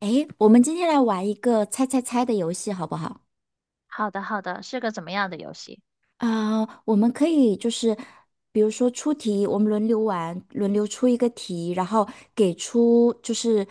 诶，我们今天来玩一个猜猜猜的游戏，好不好？好的，好的，是个怎么样的游戏？啊、我们可以就是，比如说出题，我们轮流玩，轮流出一个题，然后给出就是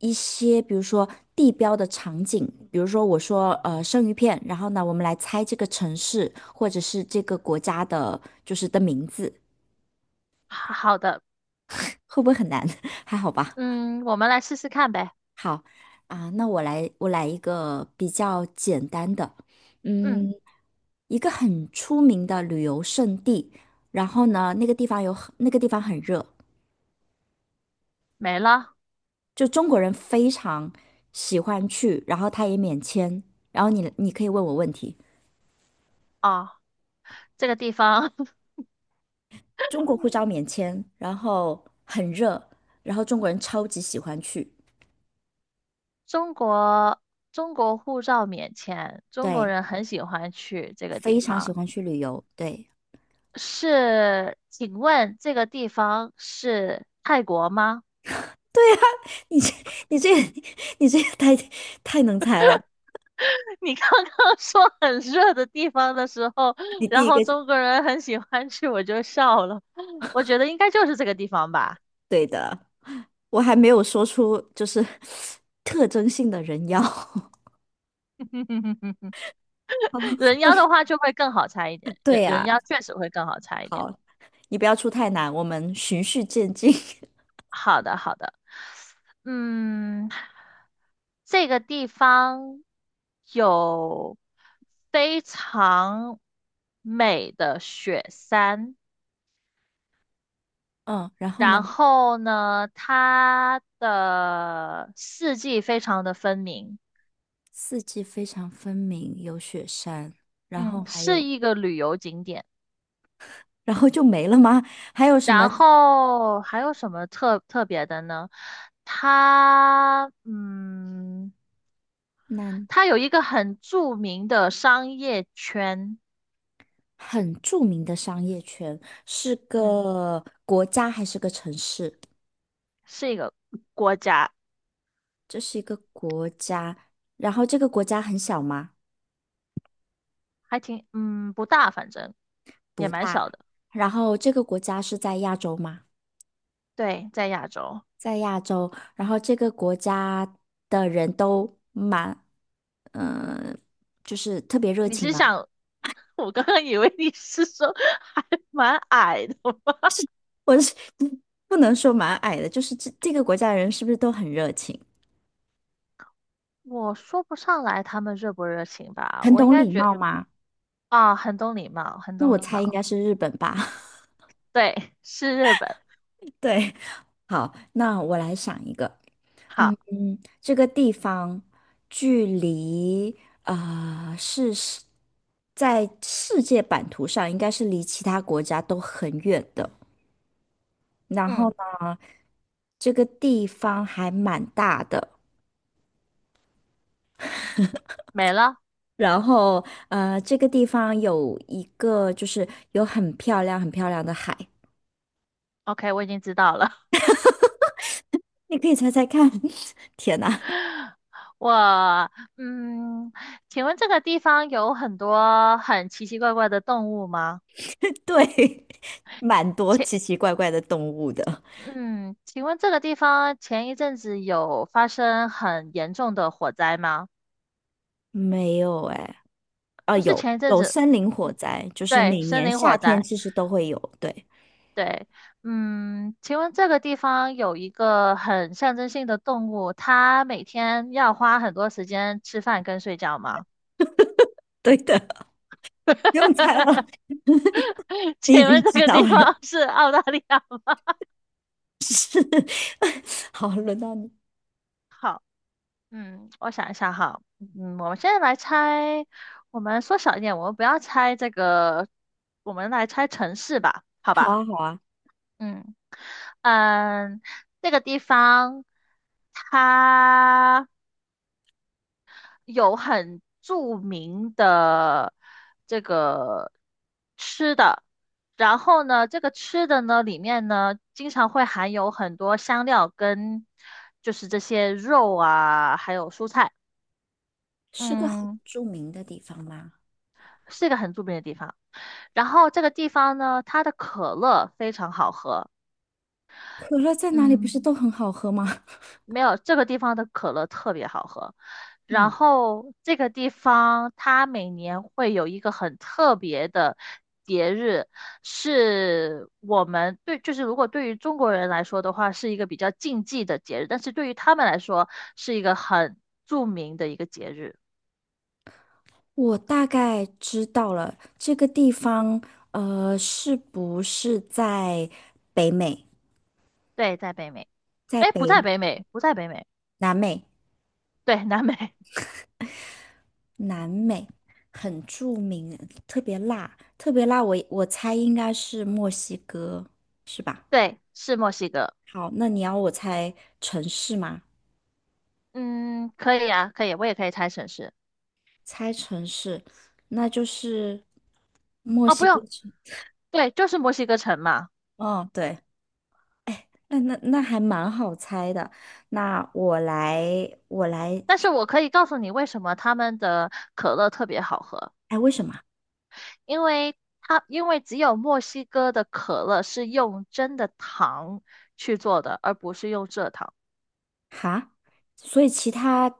一些，比如说地标的场景，比如说我说生鱼片，然后呢，我们来猜这个城市或者是这个国家的，就是的名字，好好的。会不会很难？还好吧？嗯，我们来试试看呗。好啊、那我来一个比较简单的，嗯，嗯。一个很出名的旅游胜地，然后呢，那个地方很热，没了。就中国人非常喜欢去，然后它也免签，然后你可以问我问题，哦，这个地方，中国护照免签，然后很热，然后中国人超级喜欢去，中国中国护照免签，中国对，人很喜欢去这个地非常喜方。欢去旅游，对，是，请问这个地方是泰国吗？你这你这个 你这个太能猜了，你刚刚说很热的地方的时候，你然第一后个就中国人很喜欢去，我就笑了。我觉得应该就是这个地方吧。对的，我还没有说出就是 特征性的人妖。人妖的 话就会更好猜一点，对人人呀，妖确实会更好猜一点。好，你不要出太难，我们循序渐进。好的，好的。嗯，这个地方有非常美的雪山，嗯，然后然呢，后呢，它的四季非常的分明，四季非常分明，有雪山，然后嗯，还是有，一个旅游景点。然后就没了吗？还有什么然后还有什么特别的呢？它，嗯。南它有一个很著名的商业圈。很著名的商业圈，是嗯，个国家还是个城市？是一个国家，这是一个国家，然后这个国家很小吗？还挺，嗯，不大，反正也不蛮大。小的。然后这个国家是在亚洲吗？对，在亚洲。在亚洲，然后这个国家的人都蛮嗯、呃就是特别热你情是吗？想，我刚刚以为你是说还 蛮矮的吗？我是 不能说蛮矮的，就是这个国家的人是不是都很热情，我说不上来他们热不热情吧，很我应懂该礼觉貌吗？啊，很懂礼貌，很那懂我礼猜应貌。该是日本吧。对，是日本。对，好，那我来想一个，好。嗯，这个地方距离啊呃是是在世界版图上应该是离其他国家都很远的，然后嗯，呢，这个地方还蛮大的。没了。这个地方有一个就是有很漂亮、很漂亮的海，OK，我已经知道了。你可以猜猜看。天哪，我，嗯，请问这个地方有很多很奇奇怪怪的动物吗？对，蛮多请，奇奇怪怪的动物的。嗯，请问这个地方前一阵子有发生很严重的火灾吗？没有哎，啊，不是有前一阵子，森林火嗯，灾，就是对，每森年林夏火天灾，其实都会有。对，对。请问这个地方有一个很象征性的动物，它每天要花很多时间吃饭跟睡觉吗？对的，不用猜了，你已请问经这知个道地了。方是澳大利亚吗？好，轮到你。好。嗯，我想一下哈。嗯，我们现在来猜，我们缩小一点，我们不要猜这个，我们来猜城市吧，好好吧？啊，好啊，嗯嗯，这个地方它有很著名的这个吃的，然后呢，这个吃的呢里面呢经常会含有很多香料跟就是这些肉啊，还有蔬菜。是个很嗯。著名的地方吗？是一个很著名的地方。然后这个地方呢，它的可乐非常好喝。可乐在哪里不嗯，是都很好喝吗？没有，这个地方的可乐特别好喝。然嗯。后这个地方它每年会有一个很特别的节日，是我们对，就是如果对于中国人来说的话，是一个比较禁忌的节日，但是对于他们来说是一个很著名的一个节日。我大概知道了这个地方，呃，是不是在北美，对，在北美。在哎，不在北北美，不在北美。南美？对，南美。南美很著名，特别辣我。我猜应该是墨西哥，是吧？对，是墨西哥。好，那你要我猜城市吗？嗯，可以啊，可以，我也可以猜城市。猜城市，那就是墨哦，不西哥用，城。对，就是墨西哥城嘛。哦，对，那还蛮好猜的。那我来，我来，但是我可以告诉你为什么他们的可乐特别好喝，哎，为什么？因为只有墨西哥的可乐是用真的糖去做的，而不是用蔗糖。哈，所以其他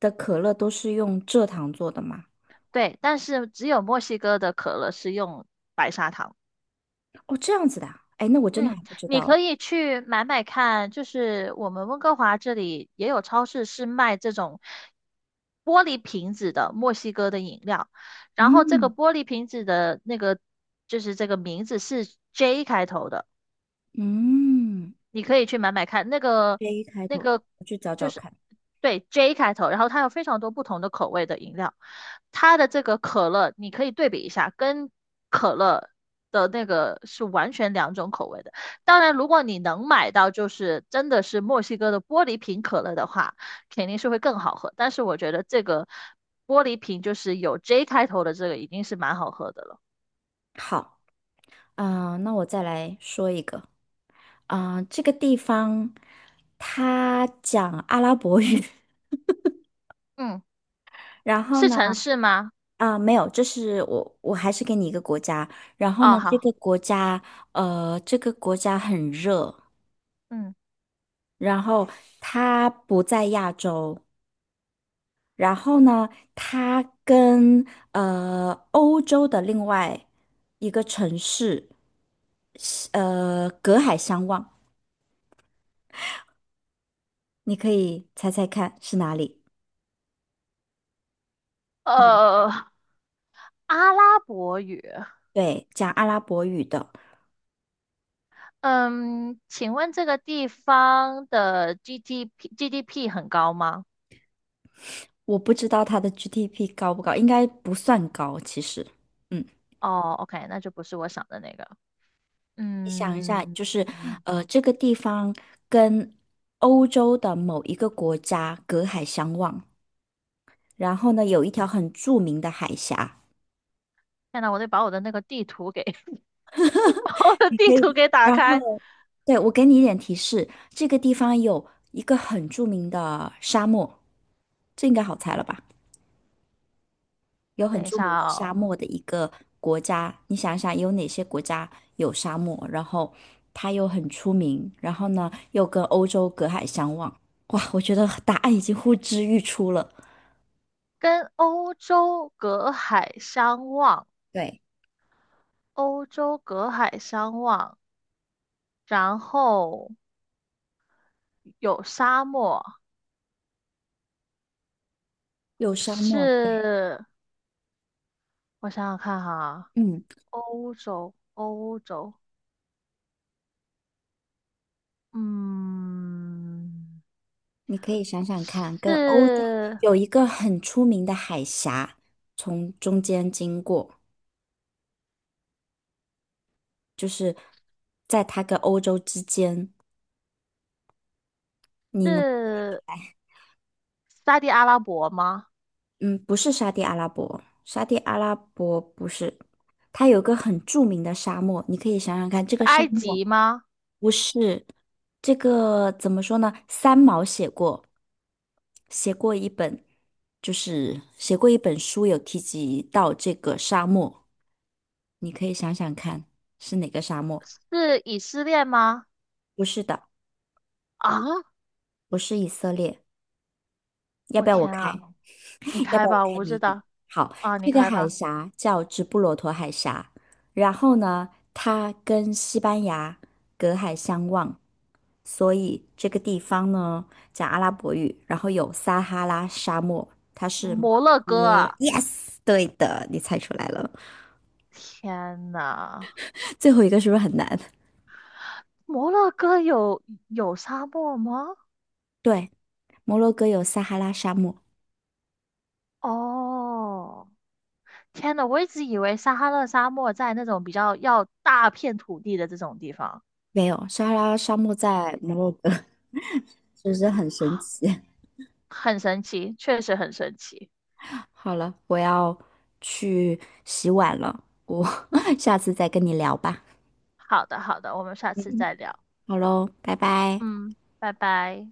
的可乐都是用蔗糖做的吗？对，但是只有墨西哥的可乐是用白砂糖。哦，这样子的啊，哎，那我真的嗯，还不知你道哎。可以去买买看，就是我们温哥华这里也有超市是卖这种玻璃瓶子的墨西哥的饮料，然后这个嗯玻璃瓶子的那个就是这个名字是 J 开头的。嗯你可以去买买看，那个，J 开那头的，个我去找就找是看。对 J 开头，然后它有非常多不同的口味的饮料，它的这个可乐你可以对比一下，跟可乐的那个是完全两种口味的。当然，如果你能买到就是真的是墨西哥的玻璃瓶可乐的话，肯定是会更好喝。但是我觉得这个玻璃瓶就是有 J 开头的这个已经是蛮好喝的了。好，啊、那我再来说一个，啊、这个地方它讲阿拉伯语，嗯，然后是呢，城市吗？啊、没有，这是我，我还是给你一个国家，然后哦，呢，这好。个国家，这个国家很热，嗯，然后他不在亚洲，然后呢，他跟欧洲的另外一个城市，隔海相望，你可以猜猜看是哪里？呃。阿拉伯语。对，讲阿拉伯语的，嗯，请问这个地方的 GDP 很高吗？我不知道它的 GDP 高不高，应该不算高，其实。嗯。哦，OK，那就不是我想的那个。你想一下，嗯就是嗯，这个地方跟欧洲的某一个国家隔海相望，然后呢，有一条很著名的海峡，天呐，我得把我的那个地图给 把我的你可地以。图给打然开。后，对，我给你一点提示，这个地方有一个很著名的沙漠，这应该好猜了吧？有很等一著下名的沙哦，漠的一个国家，你想想有哪些国家有沙漠，然后它又很出名，然后呢又跟欧洲隔海相望。哇，我觉得答案已经呼之欲出了。跟欧洲隔海相望，对，欧洲隔海相望，然后有沙漠。有沙漠，对，是，我想想看哈，嗯。欧洲，欧洲。嗯，你可以想想看，跟欧洲是有一个很出名的海峡，从中间经过，就是在它跟欧洲之间，你能，是沙地阿拉伯吗？嗯，不是沙地阿拉伯，沙地阿拉伯不是，它有个很著名的沙漠，你可以想想看，这是个沙埃漠及吗？不是这个怎么说呢？三毛写过，写过一本，就是写过一本书，有提及到这个沙漠。你可以想想看，是哪个沙漠？是以色列吗？不是的，啊，不是以色列。要我不要我天开？啊！你 要不开要我吧，我开不知谜底？道。好，啊，你这个开海吧。峡叫直布罗陀海峡，然后呢，它跟西班牙隔海相望，所以这个地方呢讲阿拉伯语，然后有撒哈拉沙漠，它是摩摩洛哥洛哥。啊！Yes，对的，你猜出来了。天呐，最后一个是不是很难？摩洛哥有沙漠吗？对，摩洛哥有撒哈拉沙漠，哦，天呐，我一直以为撒哈拉沙漠在那种比较要大片土地的这种地方，没有，撒哈拉沙漠在摩洛哥。是不是很神 奇？很神奇，确实很神奇。好了，我要去洗碗了，我 下次再跟你聊吧。好的，好的，我们下次再聊。好喽，拜拜。嗯，拜拜。